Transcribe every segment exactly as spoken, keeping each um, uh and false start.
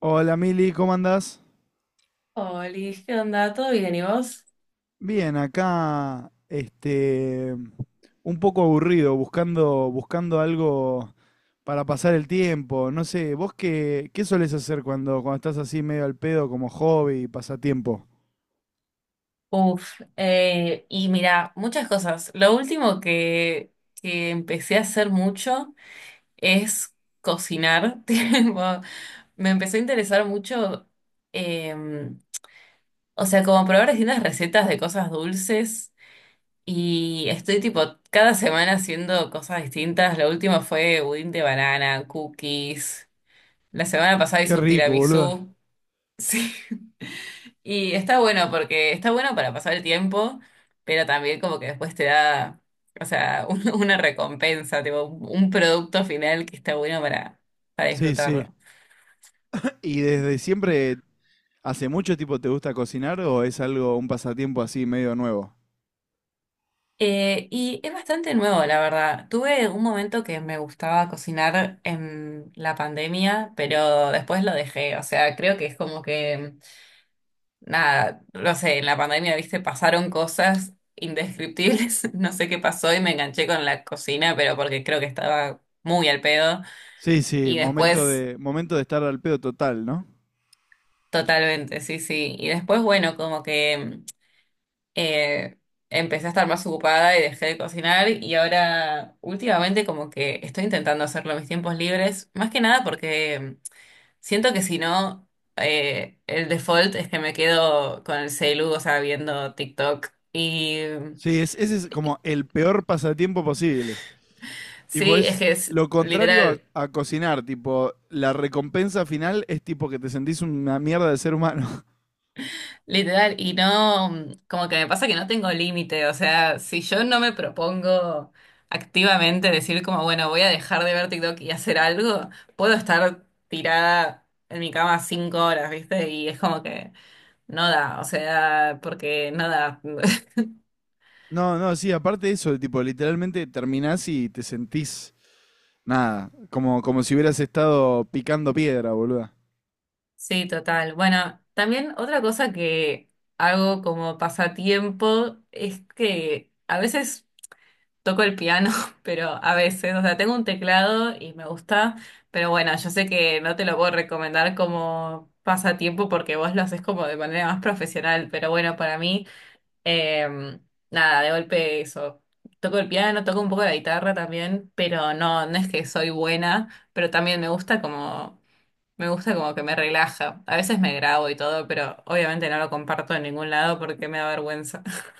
Hola Mili, ¿cómo andás? Oli, ¿qué onda? ¿Todo bien? ¿Y vos? Bien, acá, este, un poco aburrido, buscando, buscando algo para pasar el tiempo. No sé, ¿vos qué, qué solés hacer cuando, cuando estás así medio al pedo como hobby, pasatiempo? Uf, eh, y mira, muchas cosas. Lo último que, que empecé a hacer mucho es cocinar. Tipo, me empezó a interesar mucho, em, o sea, como probar distintas recetas de cosas dulces. Y estoy tipo cada semana haciendo cosas distintas. Lo último fue budín de banana, cookies. La semana pasada Qué hice un rico, boludo. tiramisú. Sí. Y está bueno porque está bueno para pasar el tiempo, pero también como que después te da, o sea, un- una recompensa, tipo un producto final que está bueno para, para Sí, sí. disfrutarlo. ¿Y desde siempre, hace mucho tiempo te gusta cocinar o es algo, un pasatiempo así medio nuevo? Eh, y es bastante nuevo, la verdad. Tuve un momento que me gustaba cocinar en la pandemia, pero después lo dejé. O sea, creo que es como que nada, no sé, en la pandemia, viste, pasaron cosas indescriptibles, no sé qué pasó y me enganché con la cocina, pero porque creo que estaba muy al pedo. Sí, sí, Y momento después, de, momento de estar al pedo total, ¿no? totalmente, sí, sí. Y después, bueno, como que eh, empecé a estar más ocupada y dejé de cocinar y ahora últimamente como que estoy intentando hacerlo en mis tiempos libres, más que nada porque siento que si no... eh, el default es que me quedo con el celu, o sea, viendo TikTok. Y Sí, es, ese es como el peor pasatiempo posible. Tipo, sí, es es que es lo contrario a, literal, a cocinar. Tipo, la recompensa final es tipo que te sentís una mierda de ser humano. literal, y no, mm, como que me pasa que no tengo límite, o sea, si yo no me propongo activamente decir como, bueno, voy a dejar de ver TikTok y hacer algo, puedo estar tirada en mi cama cinco horas, ¿viste? Y es como que no da, o sea, porque no da. No, no, sí, aparte de eso, tipo, literalmente terminás y te sentís nada. Como, como si hubieras estado picando piedra, boluda. Sí, total. Bueno, también otra cosa que hago como pasatiempo es que a veces toco el piano, pero a veces, o sea, tengo un teclado y me gusta, pero bueno, yo sé que no te lo puedo recomendar como pasatiempo porque vos lo haces como de manera más profesional, pero bueno, para mí, eh, nada, de golpe eso. Toco el piano, toco un poco la guitarra también, pero no, no es que soy buena, pero también me gusta como, me gusta como que me relaja. A veces me grabo y todo, pero obviamente no lo comparto en ningún lado porque me da vergüenza.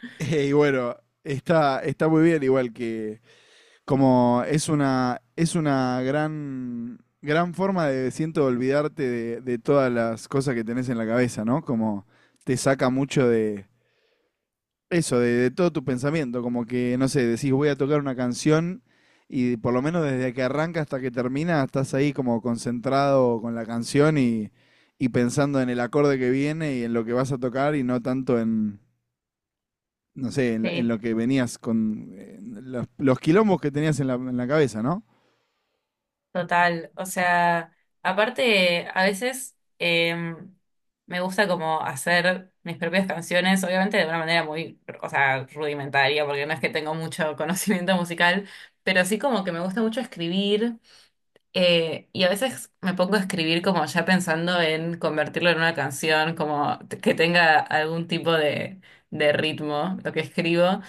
Y bueno, está, está muy bien igual que, como es una, es una gran, gran forma de, siento, olvidarte de, de todas las cosas que tenés en la cabeza, ¿no? Como te saca mucho de eso, de, de todo tu pensamiento, como que, no sé, decís voy a tocar una canción y por lo menos desde que arranca hasta que termina estás ahí como concentrado con la canción y, y pensando en el acorde que viene y en lo que vas a tocar y no tanto en, no sé, en, la- en Sí, lo que venías con eh, los, los quilombos que tenías en la, en la cabeza, ¿no? total, o sea, aparte a veces em, me gusta como hacer mis propias canciones, obviamente de una manera muy, o sea, rudimentaria, porque no es que tengo mucho conocimiento musical, pero sí como que me gusta mucho escribir eh, y a veces me pongo a escribir como ya pensando en convertirlo en una canción, como t- que tenga algún tipo de, de, ritmo lo que escribo.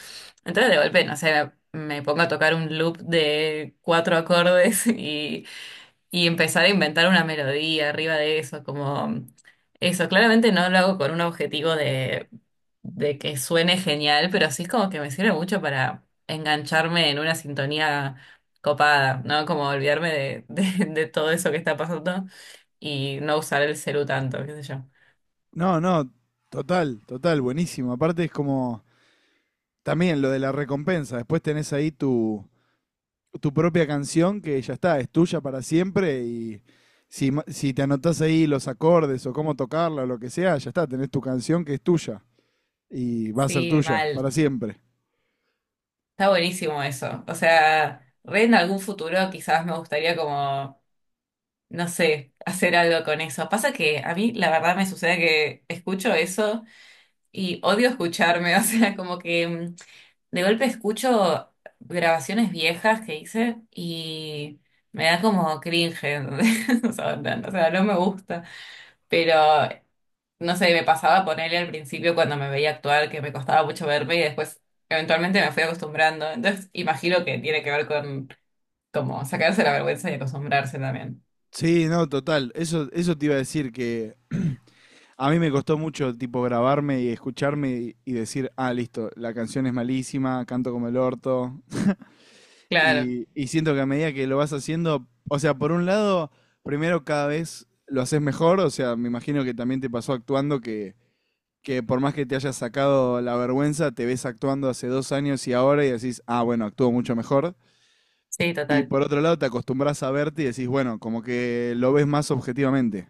Entonces de golpe, no sé, me me pongo a tocar un loop de cuatro acordes y y empezar a inventar una melodía arriba de eso, como eso. Claramente no lo hago con un objetivo de, de, que suene genial, pero sí es como que me sirve mucho para engancharme en una sintonía copada, ¿no? Como olvidarme de, de, de todo eso que está pasando y no usar el celu tanto, qué sé yo. No, no, total, total, buenísimo. Aparte es como también lo de la recompensa. Después tenés ahí tu, tu propia canción que ya está, es tuya para siempre y si, ma- si te anotás ahí los acordes o cómo tocarla o lo que sea, ya está, tenés tu canción que es tuya y va a ser Sí, tuya mal. para siempre. Está buenísimo eso. O sea, re en algún futuro quizás me gustaría como, no sé, hacer algo con eso. Pasa que a mí la verdad me sucede que escucho eso. Y odio escucharme, o sea, como que mm, de golpe escucho grabaciones viejas que hice y me da como cringe, ¿entendés? O sea, no, o sea, no me gusta. Pero, no sé, me pasaba ponerle al principio cuando me veía actuar que me costaba mucho verme y después eventualmente me fui acostumbrando. Entonces, imagino que tiene que ver con como sacarse la vergüenza y acostumbrarse también. Sí, no, total. Eso, eso te iba a decir que a mí me costó mucho tipo grabarme y escucharme y, y decir, ah, listo, la canción es malísima, canto como el orto. Claro, Y, y siento que a medida que lo vas haciendo, o sea, por un lado, primero cada vez lo haces mejor, o sea, me imagino que también te pasó actuando que, que por más que te hayas sacado la vergüenza, te ves actuando hace dos años y ahora y decís, ah, bueno, actúo mucho mejor. sí, Y total. por otro lado, te acostumbras a verte y decís, bueno, como que lo ves más objetivamente.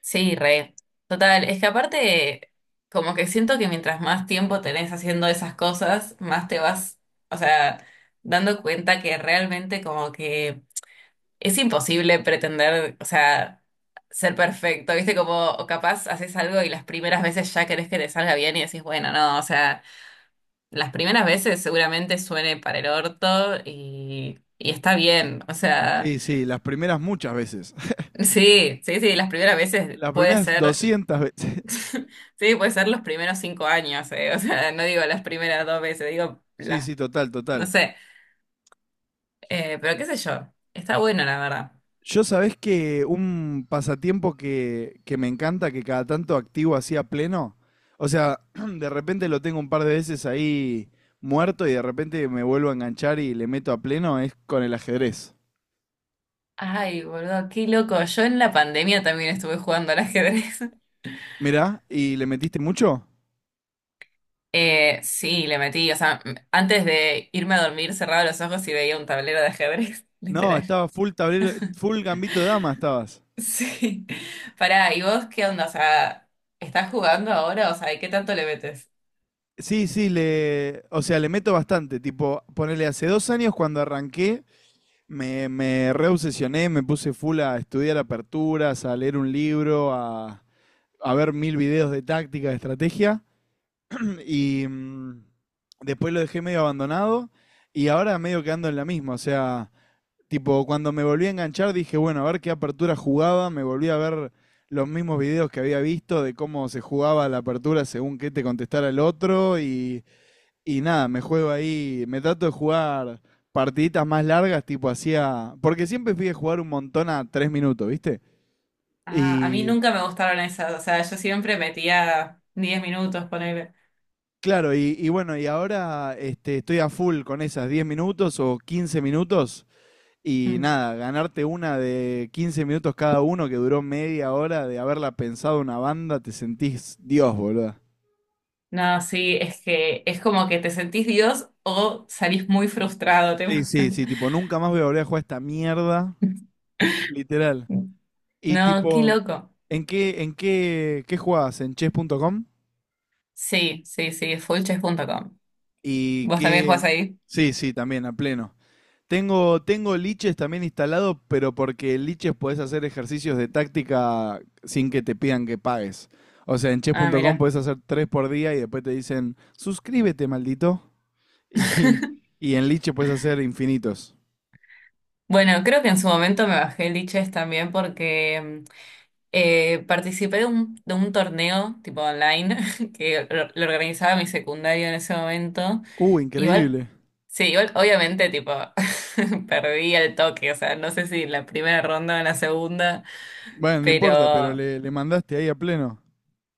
Sí, re. Total, es que aparte, como que siento que mientras más tiempo tenés haciendo esas cosas, más te vas, o sea, dando cuenta que realmente como que es imposible pretender, o sea, ser perfecto, ¿viste? Como o capaz haces algo y las primeras veces ya querés que te salga bien y decís, bueno, no, o sea, las primeras veces seguramente suene para el orto y, y está bien, o sea, Sí, sí, las primeras muchas veces. sí, sí, sí, las primeras veces Las puede primeras ser. doscientas veces. Sí, puede ser los primeros cinco años, eh, o sea, no digo las primeras dos veces, digo Sí, las, sí, total, no total. sé, Eh, pero qué sé yo, está bueno la verdad. Yo sabés que un pasatiempo que, que me encanta, que cada tanto activo así a pleno, o sea, de repente lo tengo un par de veces ahí muerto y de repente me vuelvo a enganchar y le meto a pleno, es con el ajedrez. Ay, boludo, qué loco. Yo en la pandemia también estuve jugando al ajedrez. Mirá, ¿y le metiste mucho? Eh, sí, le metí, o sea, m- antes de irme a dormir cerraba los ojos y veía un tablero de ajedrez, No, literal. estaba full tablero, full gambito de dama estabas. Sí. Pará, ¿y vos qué onda? O sea, ¿estás jugando ahora? O sea, ¿y qué tanto le metes? Sí, sí, le, o sea, le meto bastante, tipo, ponele, hace dos años cuando arranqué, me, me reobsesioné, me puse full a estudiar aperturas, a leer un libro, a a ver mil videos de táctica, de estrategia, y mm, después lo dejé medio abandonado, y ahora medio quedando en la misma, o sea, tipo, cuando me volví a enganchar dije, bueno, a ver qué apertura jugaba, me volví a ver los mismos videos que había visto de cómo se jugaba la apertura según qué te contestara el otro, y, y nada, me juego ahí, me trato de jugar partiditas más largas, tipo hacía. Porque siempre fui a jugar un montón a tres minutos, ¿viste? Ah, a mí Y nunca me gustaron esas, o sea, yo siempre metía diez minutos, ponele. claro, y, y bueno, y ahora este, estoy a full con esas diez minutos o quince minutos y Mm. nada, ganarte una de quince minutos cada uno que duró media hora de haberla pensado una banda, te sentís Dios, boludo. No, sí, es que es como que te sentís Dios o salís muy frustrado, te Sí, sí, pasan. sí, tipo, nunca más voy a volver a jugar esta mierda, literal. Y No, qué tipo, loco. ¿en qué, en qué, qué jugabas? ¿En chess punto com? Sí, sí, sí, full chess punto com. Y ¿Vos también qué. jugás ahí? Sí, sí, también, a pleno. Tengo, tengo liches también instalado, pero porque en liches podés hacer ejercicios de táctica sin que te pidan que pagues. O sea, en Ah, chess punto com mira. podés hacer tres por día y después te dicen, suscríbete, maldito. Y, y en liches podés hacer infinitos. Bueno, creo que en su momento me bajé el Lichess también porque mm, Eh, participé de un, de un torneo tipo online que lo, lo organizaba mi secundario en ese momento. Uh, Igual, increíble. sí, igual obviamente tipo perdí el toque, o sea, no sé si en la primera ronda o en la segunda, Bueno, no importa, pero pero... le, le mandaste ahí a pleno.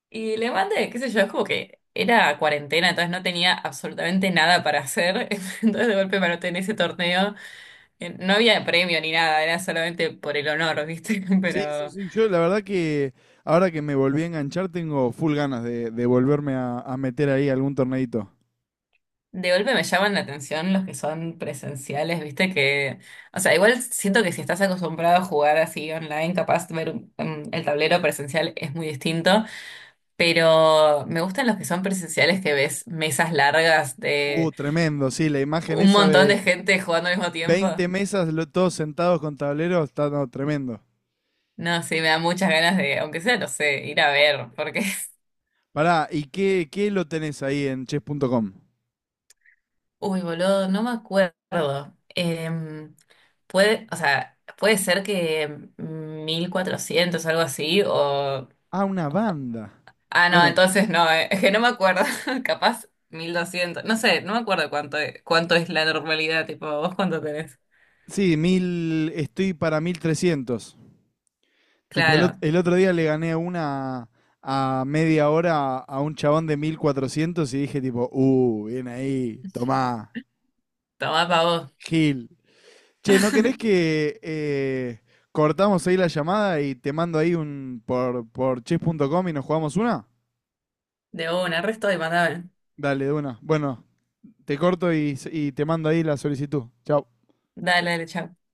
Y le mandé, qué sé yo, es como que era cuarentena, entonces no tenía absolutamente nada para hacer, entonces de golpe me anoté en ese torneo, eh, no había premio ni nada, era solamente por el honor, ¿viste? Sí, sí, Pero... sí. Yo la verdad que ahora que me volví a enganchar tengo full ganas de, de volverme a, a meter ahí algún torneito. De golpe me llaman la atención los que son presenciales, viste que, o sea, igual siento que si estás acostumbrado a jugar así online, capaz de ver un- un- el tablero presencial es muy distinto, pero me gustan los que son presenciales que ves mesas largas Uh, de tremendo, sí, la imagen un esa montón de de gente jugando al mismo veinte tiempo. mesas, lo- todos sentados con tableros, está no, tremendo. No, sí, me da muchas ganas de, aunque sea, no sé, ir a ver, porque, Pará, ¿y qué, qué lo tenés ahí en chess punto com? uy, boludo, no me acuerdo. Em, puede, o sea, puede ser que mil cuatrocientos algo así, o... Ah, una banda. Ah, no, Bueno, entonces no, eh, es que no me acuerdo. Capaz mil doscientos, no sé, no me acuerdo cuánto es, cuánto es la normalidad. Tipo, ¿vos cuánto tenés? sí, mil, estoy para mil trescientos. Tipo, el, ot- Claro, el otro día le gané una a media hora a un chabón de mil cuatrocientos y dije tipo, uh, bien ahí, tomá, toma pa' vos. Gil. Che, ¿no querés que eh, cortamos ahí la llamada y te mando ahí un por, por chess punto com y nos jugamos una? De una, resto y mandame. Dale, de una. Bueno, te corto y, y te mando ahí la solicitud. Chao. Dale, dale, chao.